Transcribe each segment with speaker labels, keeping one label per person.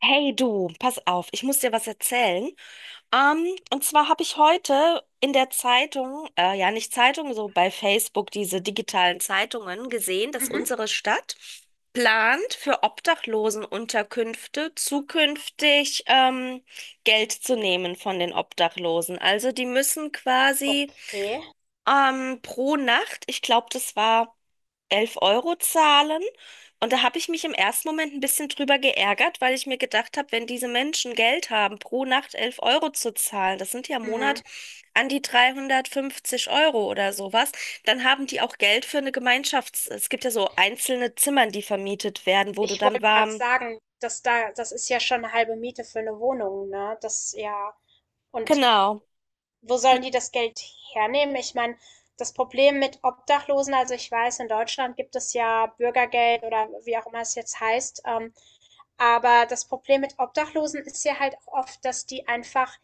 Speaker 1: Hey du, pass auf, ich muss dir was erzählen. Und zwar habe ich heute in der Zeitung, ja nicht Zeitung, so bei Facebook diese digitalen Zeitungen gesehen, dass
Speaker 2: Mhm.
Speaker 1: unsere Stadt plant, für Obdachlosenunterkünfte zukünftig Geld zu nehmen von den Obdachlosen. Also die müssen quasi
Speaker 2: Okay.
Speaker 1: pro Nacht, ich glaube, das war 11 Euro zahlen. Und da habe ich mich im ersten Moment ein bisschen drüber geärgert, weil ich mir gedacht habe, wenn diese Menschen Geld haben, pro Nacht 11 Euro zu zahlen, das sind ja im Monat
Speaker 2: Mhm.
Speaker 1: an die 350 Euro oder sowas, dann haben die auch Geld für eine Gemeinschafts-, es gibt ja so einzelne Zimmern, die vermietet werden, wo du
Speaker 2: Ich wollte
Speaker 1: dann
Speaker 2: gerade
Speaker 1: warm.
Speaker 2: sagen, dass da, das ist ja schon eine halbe Miete für eine Wohnung, ne? Das ja. Und
Speaker 1: Genau.
Speaker 2: wo sollen die das Geld hernehmen? Ich meine, das Problem mit Obdachlosen, also ich weiß, in Deutschland gibt es ja Bürgergeld oder wie auch immer es jetzt heißt. Aber das Problem mit Obdachlosen ist ja halt auch oft, dass die einfach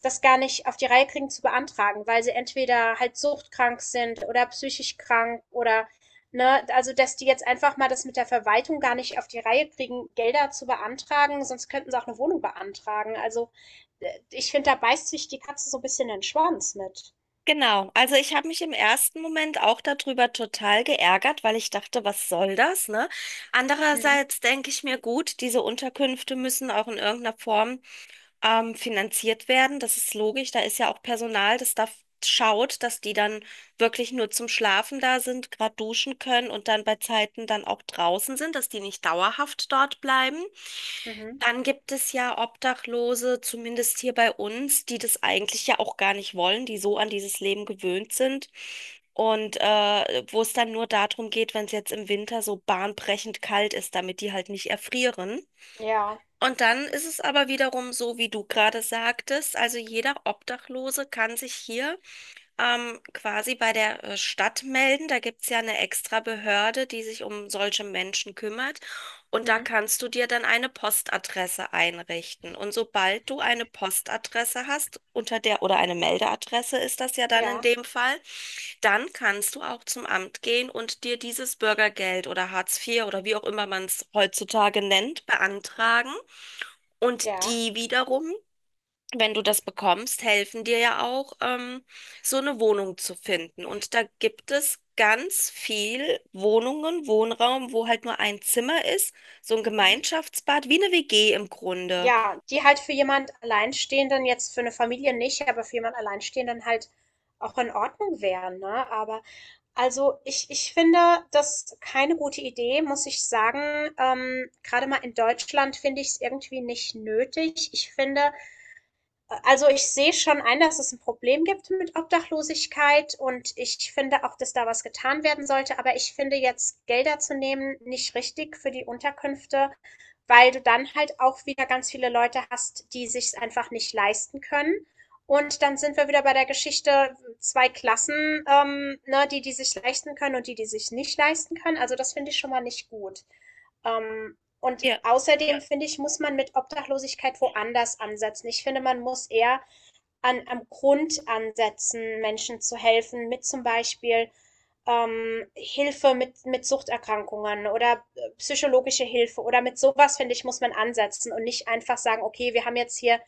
Speaker 2: das gar nicht auf die Reihe kriegen zu beantragen, weil sie entweder halt suchtkrank sind oder psychisch krank oder, ne, also dass die jetzt einfach mal das mit der Verwaltung gar nicht auf die Reihe kriegen, Gelder zu beantragen, sonst könnten sie auch eine Wohnung beantragen. Also ich finde, da beißt sich die Katze so ein bisschen den Schwanz mit.
Speaker 1: Genau, also ich habe mich im ersten Moment auch darüber total geärgert, weil ich dachte, was soll das, ne?
Speaker 2: Hm,
Speaker 1: Andererseits denke ich mir, gut, diese Unterkünfte müssen auch in irgendeiner Form finanziert werden. Das ist logisch, da ist ja auch Personal, das da schaut, dass die dann wirklich nur zum Schlafen da sind, gerade duschen können und dann bei Zeiten dann auch draußen sind, dass die nicht dauerhaft dort bleiben.
Speaker 2: mhm,
Speaker 1: Dann gibt es ja Obdachlose, zumindest hier bei uns, die das eigentlich ja auch gar nicht wollen, die so an dieses Leben gewöhnt sind. Und wo es dann nur darum geht, wenn es jetzt im Winter so bahnbrechend kalt ist, damit die halt nicht erfrieren.
Speaker 2: ja,
Speaker 1: Und dann ist es aber wiederum so, wie du gerade sagtest, also jeder Obdachlose kann sich hier quasi bei der Stadt melden. Da gibt es ja eine extra Behörde, die sich um solche Menschen kümmert. Und da
Speaker 2: hm,
Speaker 1: kannst du dir dann eine Postadresse einrichten. Und sobald du eine Postadresse hast, unter der, oder eine Meldeadresse ist das ja dann in
Speaker 2: ja,
Speaker 1: dem Fall, dann kannst du auch zum Amt gehen und dir dieses Bürgergeld oder Hartz IV oder wie auch immer man es heutzutage nennt, beantragen. Und
Speaker 2: ja.
Speaker 1: die wiederum, wenn du das bekommst, helfen dir ja auch, so eine Wohnung zu finden. Und da gibt es ganz viel Wohnungen, Wohnraum, wo halt nur ein Zimmer ist, so ein Gemeinschaftsbad, wie eine WG im Grunde.
Speaker 2: Ja, die halt für jemand Alleinstehenden jetzt für eine Familie nicht, aber für jemand Alleinstehenden halt auch in Ordnung wären, ne? Aber also, ich finde das keine gute Idee, muss ich sagen. Grade mal in Deutschland finde ich es irgendwie nicht nötig. Ich finde, also, ich sehe schon ein, dass es ein Problem gibt mit Obdachlosigkeit und ich finde auch, dass da was getan werden sollte, aber ich finde jetzt Gelder zu nehmen nicht richtig für die Unterkünfte, weil du dann halt auch wieder ganz viele Leute hast, die sich's einfach nicht leisten können. Und dann sind wir wieder bei der Geschichte 2 Klassen, ne, die die sich leisten können und die, die sich nicht leisten können. Also, das finde ich schon mal nicht gut. Ähm, und
Speaker 1: Ja.
Speaker 2: außerdem finde ich, muss man mit Obdachlosigkeit woanders ansetzen. Ich finde, man muss eher an, am Grund ansetzen, Menschen zu helfen, mit zum Beispiel Hilfe mit Suchterkrankungen oder psychologische Hilfe oder mit sowas, finde ich, muss man ansetzen und nicht einfach sagen, okay, wir haben jetzt hier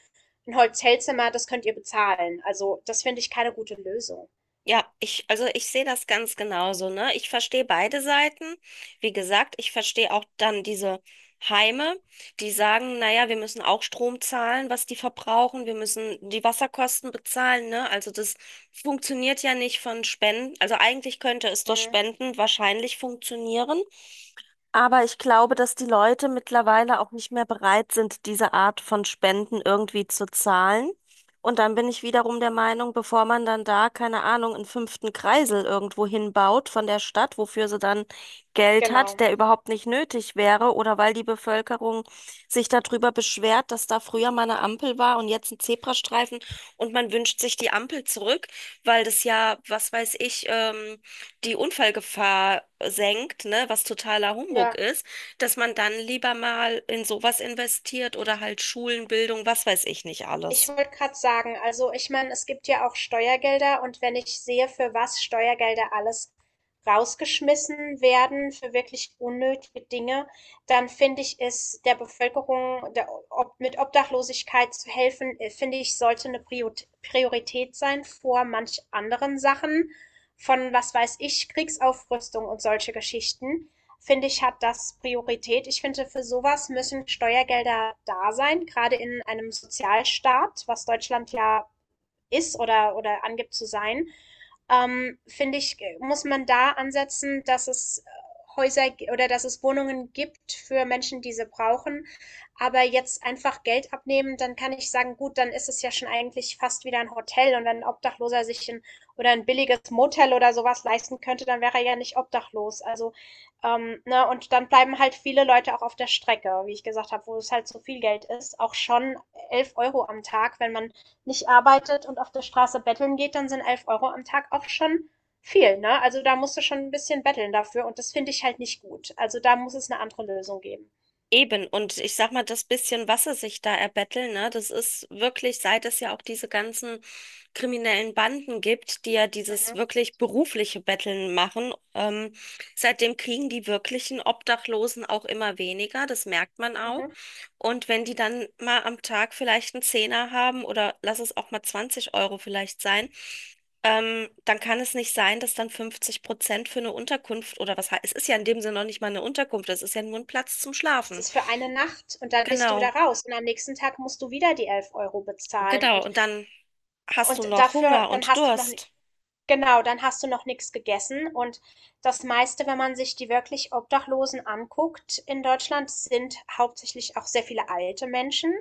Speaker 2: ein Hotelzimmer, das könnt ihr bezahlen. Also das finde ich keine gute Lösung.
Speaker 1: Ja, ich sehe das ganz genauso, ne? Ich verstehe beide Seiten. Wie gesagt, ich verstehe auch dann diese Heime, die sagen, naja, wir müssen auch Strom zahlen, was die verbrauchen, wir müssen die Wasserkosten bezahlen, ne? Also das funktioniert ja nicht von Spenden. Also eigentlich könnte es durch
Speaker 2: Mhm,
Speaker 1: Spenden wahrscheinlich funktionieren. Aber ich glaube, dass die Leute mittlerweile auch nicht mehr bereit sind, diese Art von Spenden irgendwie zu zahlen. Und dann bin ich wiederum der Meinung, bevor man dann da, keine Ahnung, einen fünften Kreisel irgendwo hinbaut von der Stadt, wofür sie dann Geld hat,
Speaker 2: genau.
Speaker 1: der überhaupt nicht nötig wäre, oder weil die Bevölkerung sich darüber beschwert, dass da früher mal eine Ampel war und jetzt ein Zebrastreifen und man wünscht sich die Ampel zurück, weil das ja, was weiß ich, die Unfallgefahr senkt, ne, was totaler Humbug
Speaker 2: Ja.
Speaker 1: ist, dass man dann lieber mal in sowas investiert oder halt Schulen, Bildung, was weiß ich nicht
Speaker 2: Ich
Speaker 1: alles.
Speaker 2: wollte gerade sagen, also ich meine, es gibt ja auch Steuergelder und wenn ich sehe, für was Steuergelder alles rausgeschmissen werden, für wirklich unnötige Dinge, dann finde ich es der Bevölkerung mit Obdachlosigkeit zu helfen, finde ich, sollte eine Priorität sein vor manch anderen Sachen von, was weiß ich, Kriegsaufrüstung und solche Geschichten finde ich, hat das Priorität. Ich finde, für sowas müssen Steuergelder da sein, gerade in einem Sozialstaat, was Deutschland ja ist oder angibt zu sein. Finde ich, muss man da ansetzen, dass es oder dass es Wohnungen gibt für Menschen, die sie brauchen. Aber jetzt einfach Geld abnehmen, dann kann ich sagen, gut, dann ist es ja schon eigentlich fast wieder ein Hotel. Und wenn ein Obdachloser sich ein oder ein billiges Motel oder sowas leisten könnte, dann wäre er ja nicht obdachlos. Also, ne, und dann bleiben halt viele Leute auch auf der Strecke, wie ich gesagt habe, wo es halt so viel Geld ist. Auch schon 11 Euro am Tag, wenn man nicht arbeitet und auf der Straße betteln geht, dann sind 11 Euro am Tag auch schon viel, ne? Also da musst du schon ein bisschen betteln dafür und das finde ich halt nicht gut. Also da muss es eine andere Lösung geben.
Speaker 1: Eben, und ich sag mal, das bisschen, was sie sich da erbetteln, ne, das ist wirklich, seit es ja auch diese ganzen kriminellen Banden gibt, die ja dieses
Speaker 2: Mhm.
Speaker 1: wirklich berufliche Betteln machen, seitdem kriegen die wirklichen Obdachlosen auch immer weniger, das merkt man auch.
Speaker 2: Mhm.
Speaker 1: Und wenn die dann mal am Tag vielleicht einen Zehner haben oder lass es auch mal 20 Euro vielleicht sein, dann kann es nicht sein, dass dann 50% für eine Unterkunft oder was, he- es ist ja in dem Sinne noch nicht mal eine Unterkunft, es ist ja nur ein Platz zum
Speaker 2: Es
Speaker 1: Schlafen.
Speaker 2: ist für eine Nacht und dann bist du wieder
Speaker 1: Genau,
Speaker 2: raus und am nächsten Tag musst du wieder die 11 Euro bezahlen
Speaker 1: genau. Und dann hast du
Speaker 2: und
Speaker 1: noch
Speaker 2: dafür,
Speaker 1: Hunger
Speaker 2: dann
Speaker 1: und
Speaker 2: hast du noch,
Speaker 1: Durst.
Speaker 2: genau, dann hast du noch nichts gegessen und das meiste, wenn man sich die wirklich Obdachlosen anguckt in Deutschland, sind hauptsächlich auch sehr viele alte Menschen.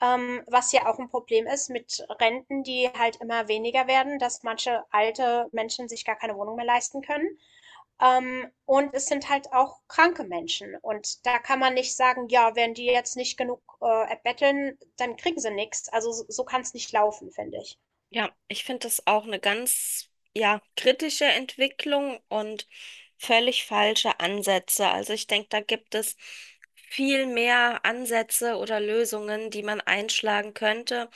Speaker 2: Was ja auch ein Problem ist mit Renten, die halt immer weniger werden, dass manche alte Menschen sich gar keine Wohnung mehr leisten können. Und es sind halt auch kranke Menschen. Und da kann man nicht sagen: „Ja, wenn die jetzt nicht genug, erbetteln, dann kriegen sie nichts." Also, so kann es nicht laufen, finde ich.
Speaker 1: Ja, ich finde das auch eine ganz, ja, kritische Entwicklung und völlig falsche Ansätze. Also ich denke, da gibt es viel mehr Ansätze oder Lösungen, die man einschlagen könnte.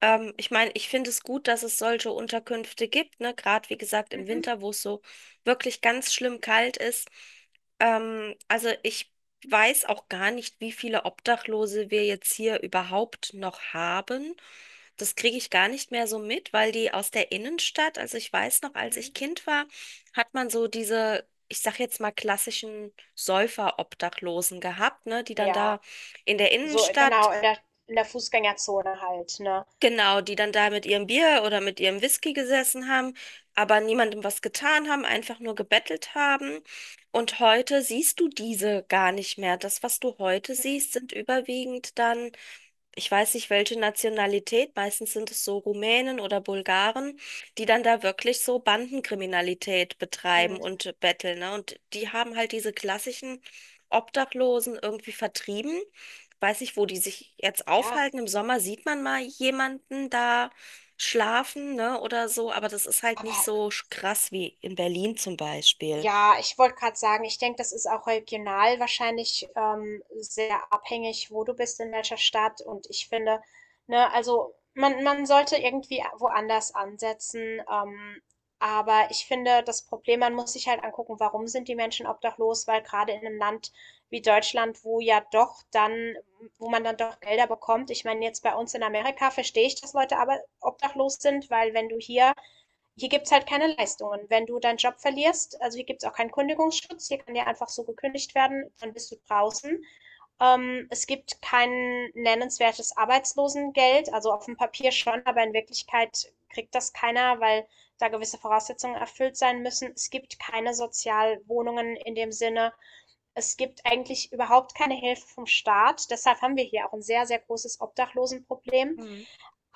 Speaker 1: Ich meine, ich finde es gut, dass es solche Unterkünfte gibt, ne? Gerade wie gesagt im
Speaker 2: Mhm,
Speaker 1: Winter, wo es so wirklich ganz schlimm kalt ist. Also ich weiß auch gar nicht, wie viele Obdachlose wir jetzt hier überhaupt noch haben. Das kriege ich gar nicht mehr so mit, weil die aus der Innenstadt, also ich weiß noch, als
Speaker 2: mhm.
Speaker 1: ich Kind war, hat man so diese, ich sag jetzt mal klassischen Säufer-Obdachlosen gehabt, ne, die dann
Speaker 2: Ja,
Speaker 1: da in der
Speaker 2: so
Speaker 1: Innenstadt.
Speaker 2: genau in der Fußgängerzone halt, ne?
Speaker 1: Genau, die dann da mit ihrem Bier oder mit ihrem Whisky gesessen haben, aber niemandem was getan haben, einfach nur gebettelt haben. Und heute siehst du diese gar nicht mehr. Das, was du heute
Speaker 2: Mhm,
Speaker 1: siehst, sind überwiegend dann, ich weiß nicht, welche Nationalität, meistens sind es so Rumänen oder Bulgaren, die dann da wirklich so Bandenkriminalität betreiben
Speaker 2: mhm.
Speaker 1: und betteln, ne? Und die haben halt diese klassischen Obdachlosen irgendwie vertrieben. Weiß nicht, wo die sich jetzt
Speaker 2: Ja,
Speaker 1: aufhalten. Im Sommer sieht man mal jemanden da schlafen, ne, oder so, aber das ist halt nicht
Speaker 2: aber
Speaker 1: so sch- krass wie in Berlin zum Beispiel.
Speaker 2: ja, ich wollte gerade sagen, ich denke, das ist auch regional wahrscheinlich sehr abhängig, wo du bist, in welcher Stadt. Und ich finde, ne, also man sollte irgendwie woanders ansetzen. Aber ich finde, das Problem, man muss sich halt angucken, warum sind die Menschen obdachlos? Weil gerade in einem Land wie Deutschland, wo ja doch dann, wo man dann doch Gelder bekommt. Ich meine, jetzt bei uns in Amerika verstehe ich, dass Leute aber obdachlos sind, weil wenn du hier hier gibt's halt keine Leistungen. Wenn du deinen Job verlierst, also hier gibt's auch keinen Kündigungsschutz, hier kann dir einfach so gekündigt werden, dann bist du draußen. Es gibt kein nennenswertes Arbeitslosengeld, also auf dem Papier schon, aber in Wirklichkeit kriegt das keiner, weil da gewisse Voraussetzungen erfüllt sein müssen. Es gibt keine Sozialwohnungen in dem Sinne. Es gibt eigentlich überhaupt keine Hilfe vom Staat. Deshalb haben wir hier auch ein sehr, sehr großes Obdachlosenproblem.
Speaker 1: Mhm.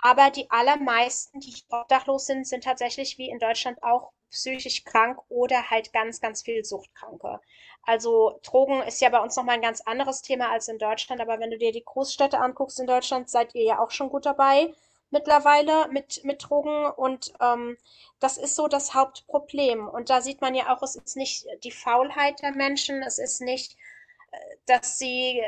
Speaker 2: Aber die allermeisten, die obdachlos sind, sind tatsächlich wie in Deutschland auch psychisch krank oder halt ganz, ganz viel Suchtkranke. Also Drogen ist ja bei uns nochmal ein ganz anderes Thema als in Deutschland, aber wenn du dir die Großstädte anguckst in Deutschland, seid ihr ja auch schon gut dabei mittlerweile mit Drogen und das ist so das Hauptproblem. Und da sieht man ja auch, es ist nicht die Faulheit der Menschen, es ist nicht, dass sie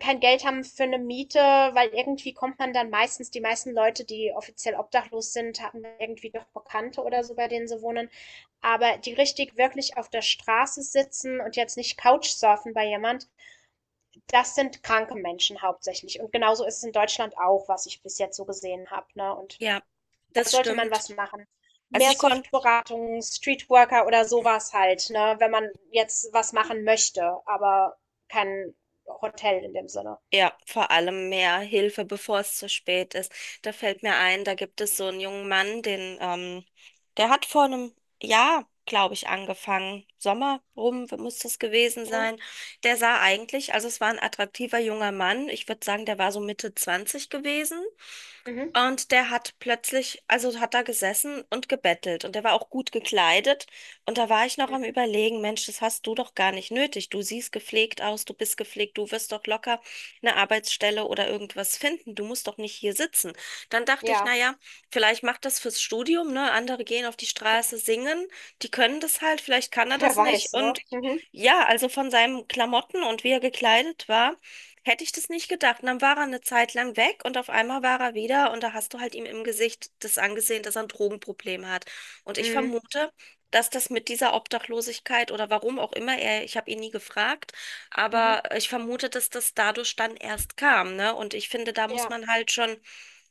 Speaker 2: kein Geld haben für eine Miete, weil irgendwie kommt man dann meistens, die meisten Leute, die offiziell obdachlos sind, haben irgendwie doch Bekannte oder so, bei denen sie wohnen. Aber die richtig wirklich auf der Straße sitzen und jetzt nicht Couchsurfen bei jemand, das sind kranke Menschen hauptsächlich. Und genauso ist es in Deutschland auch, was ich bis jetzt so gesehen habe. Ne? Und
Speaker 1: Ja,
Speaker 2: da
Speaker 1: das
Speaker 2: sollte man
Speaker 1: stimmt.
Speaker 2: was machen.
Speaker 1: Also
Speaker 2: Mehr
Speaker 1: ich konnte.
Speaker 2: Suchtberatung, Streetworker oder sowas halt, ne, wenn man jetzt was machen möchte, aber kein Hotel in dem Sinne.
Speaker 1: Ja, vor allem mehr Hilfe, bevor es zu spät ist. Da fällt mir ein, da gibt es so einen jungen Mann, den, der hat vor einem Jahr, glaube ich, angefangen. Sommer rum muss das gewesen
Speaker 2: Mhm.
Speaker 1: sein. Der sah eigentlich, also es war ein attraktiver junger Mann. Ich würde sagen, der war so Mitte 20 gewesen.
Speaker 2: Mhm.
Speaker 1: Und der hat plötzlich, also hat da gesessen und gebettelt und der war auch gut gekleidet. Und da war ich noch am
Speaker 2: Mhm.
Speaker 1: Überlegen, Mensch, das hast du doch gar nicht nötig. Du siehst gepflegt aus, du bist gepflegt, du wirst doch locker eine Arbeitsstelle oder irgendwas finden. Du musst doch nicht hier sitzen. Dann dachte ich,
Speaker 2: Ja,
Speaker 1: naja, vielleicht macht das fürs Studium, ne? Andere gehen auf die Straße singen, die können das halt, vielleicht kann er
Speaker 2: wer
Speaker 1: das nicht.
Speaker 2: weiß, ne?
Speaker 1: Und
Speaker 2: Mhm.
Speaker 1: ja, also von seinen Klamotten und wie er gekleidet war, hätte ich das nicht gedacht. Und dann war er eine Zeit lang weg und auf einmal war er wieder, und da hast du halt ihm im Gesicht das angesehen, dass er ein Drogenproblem hat. Und ich
Speaker 2: Mhm.
Speaker 1: vermute, dass das mit dieser Obdachlosigkeit oder warum auch immer er, ich habe ihn nie gefragt,
Speaker 2: Mhm.
Speaker 1: aber ich vermute, dass das dadurch dann erst kam, ne? Und ich finde, da muss
Speaker 2: Ja,
Speaker 1: man halt schon,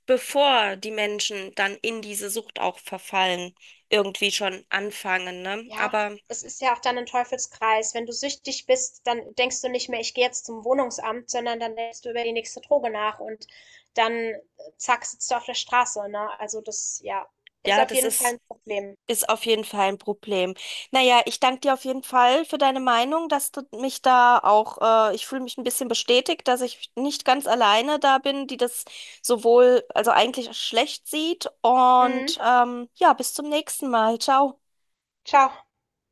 Speaker 1: bevor die Menschen dann in diese Sucht auch verfallen, irgendwie schon anfangen, ne?
Speaker 2: ja.
Speaker 1: Aber
Speaker 2: Es ist ja auch dann ein Teufelskreis. Wenn du süchtig bist, dann denkst du nicht mehr, ich gehe jetzt zum Wohnungsamt, sondern dann denkst du über die nächste Droge nach und dann zack, sitzt du auf der Straße, ne? Also das, ja, ist
Speaker 1: ja,
Speaker 2: auf
Speaker 1: das
Speaker 2: jeden Fall
Speaker 1: ist.
Speaker 2: ein Problem.
Speaker 1: Ist auf jeden Fall ein Problem. Naja, ich danke dir auf jeden Fall für deine Meinung, dass du mich da auch, ich fühle mich ein bisschen bestätigt, dass ich nicht ganz alleine da bin, die das sowohl, also eigentlich schlecht sieht. Und
Speaker 2: Mhm.
Speaker 1: ja, bis zum nächsten Mal. Ciao.
Speaker 2: Ciao.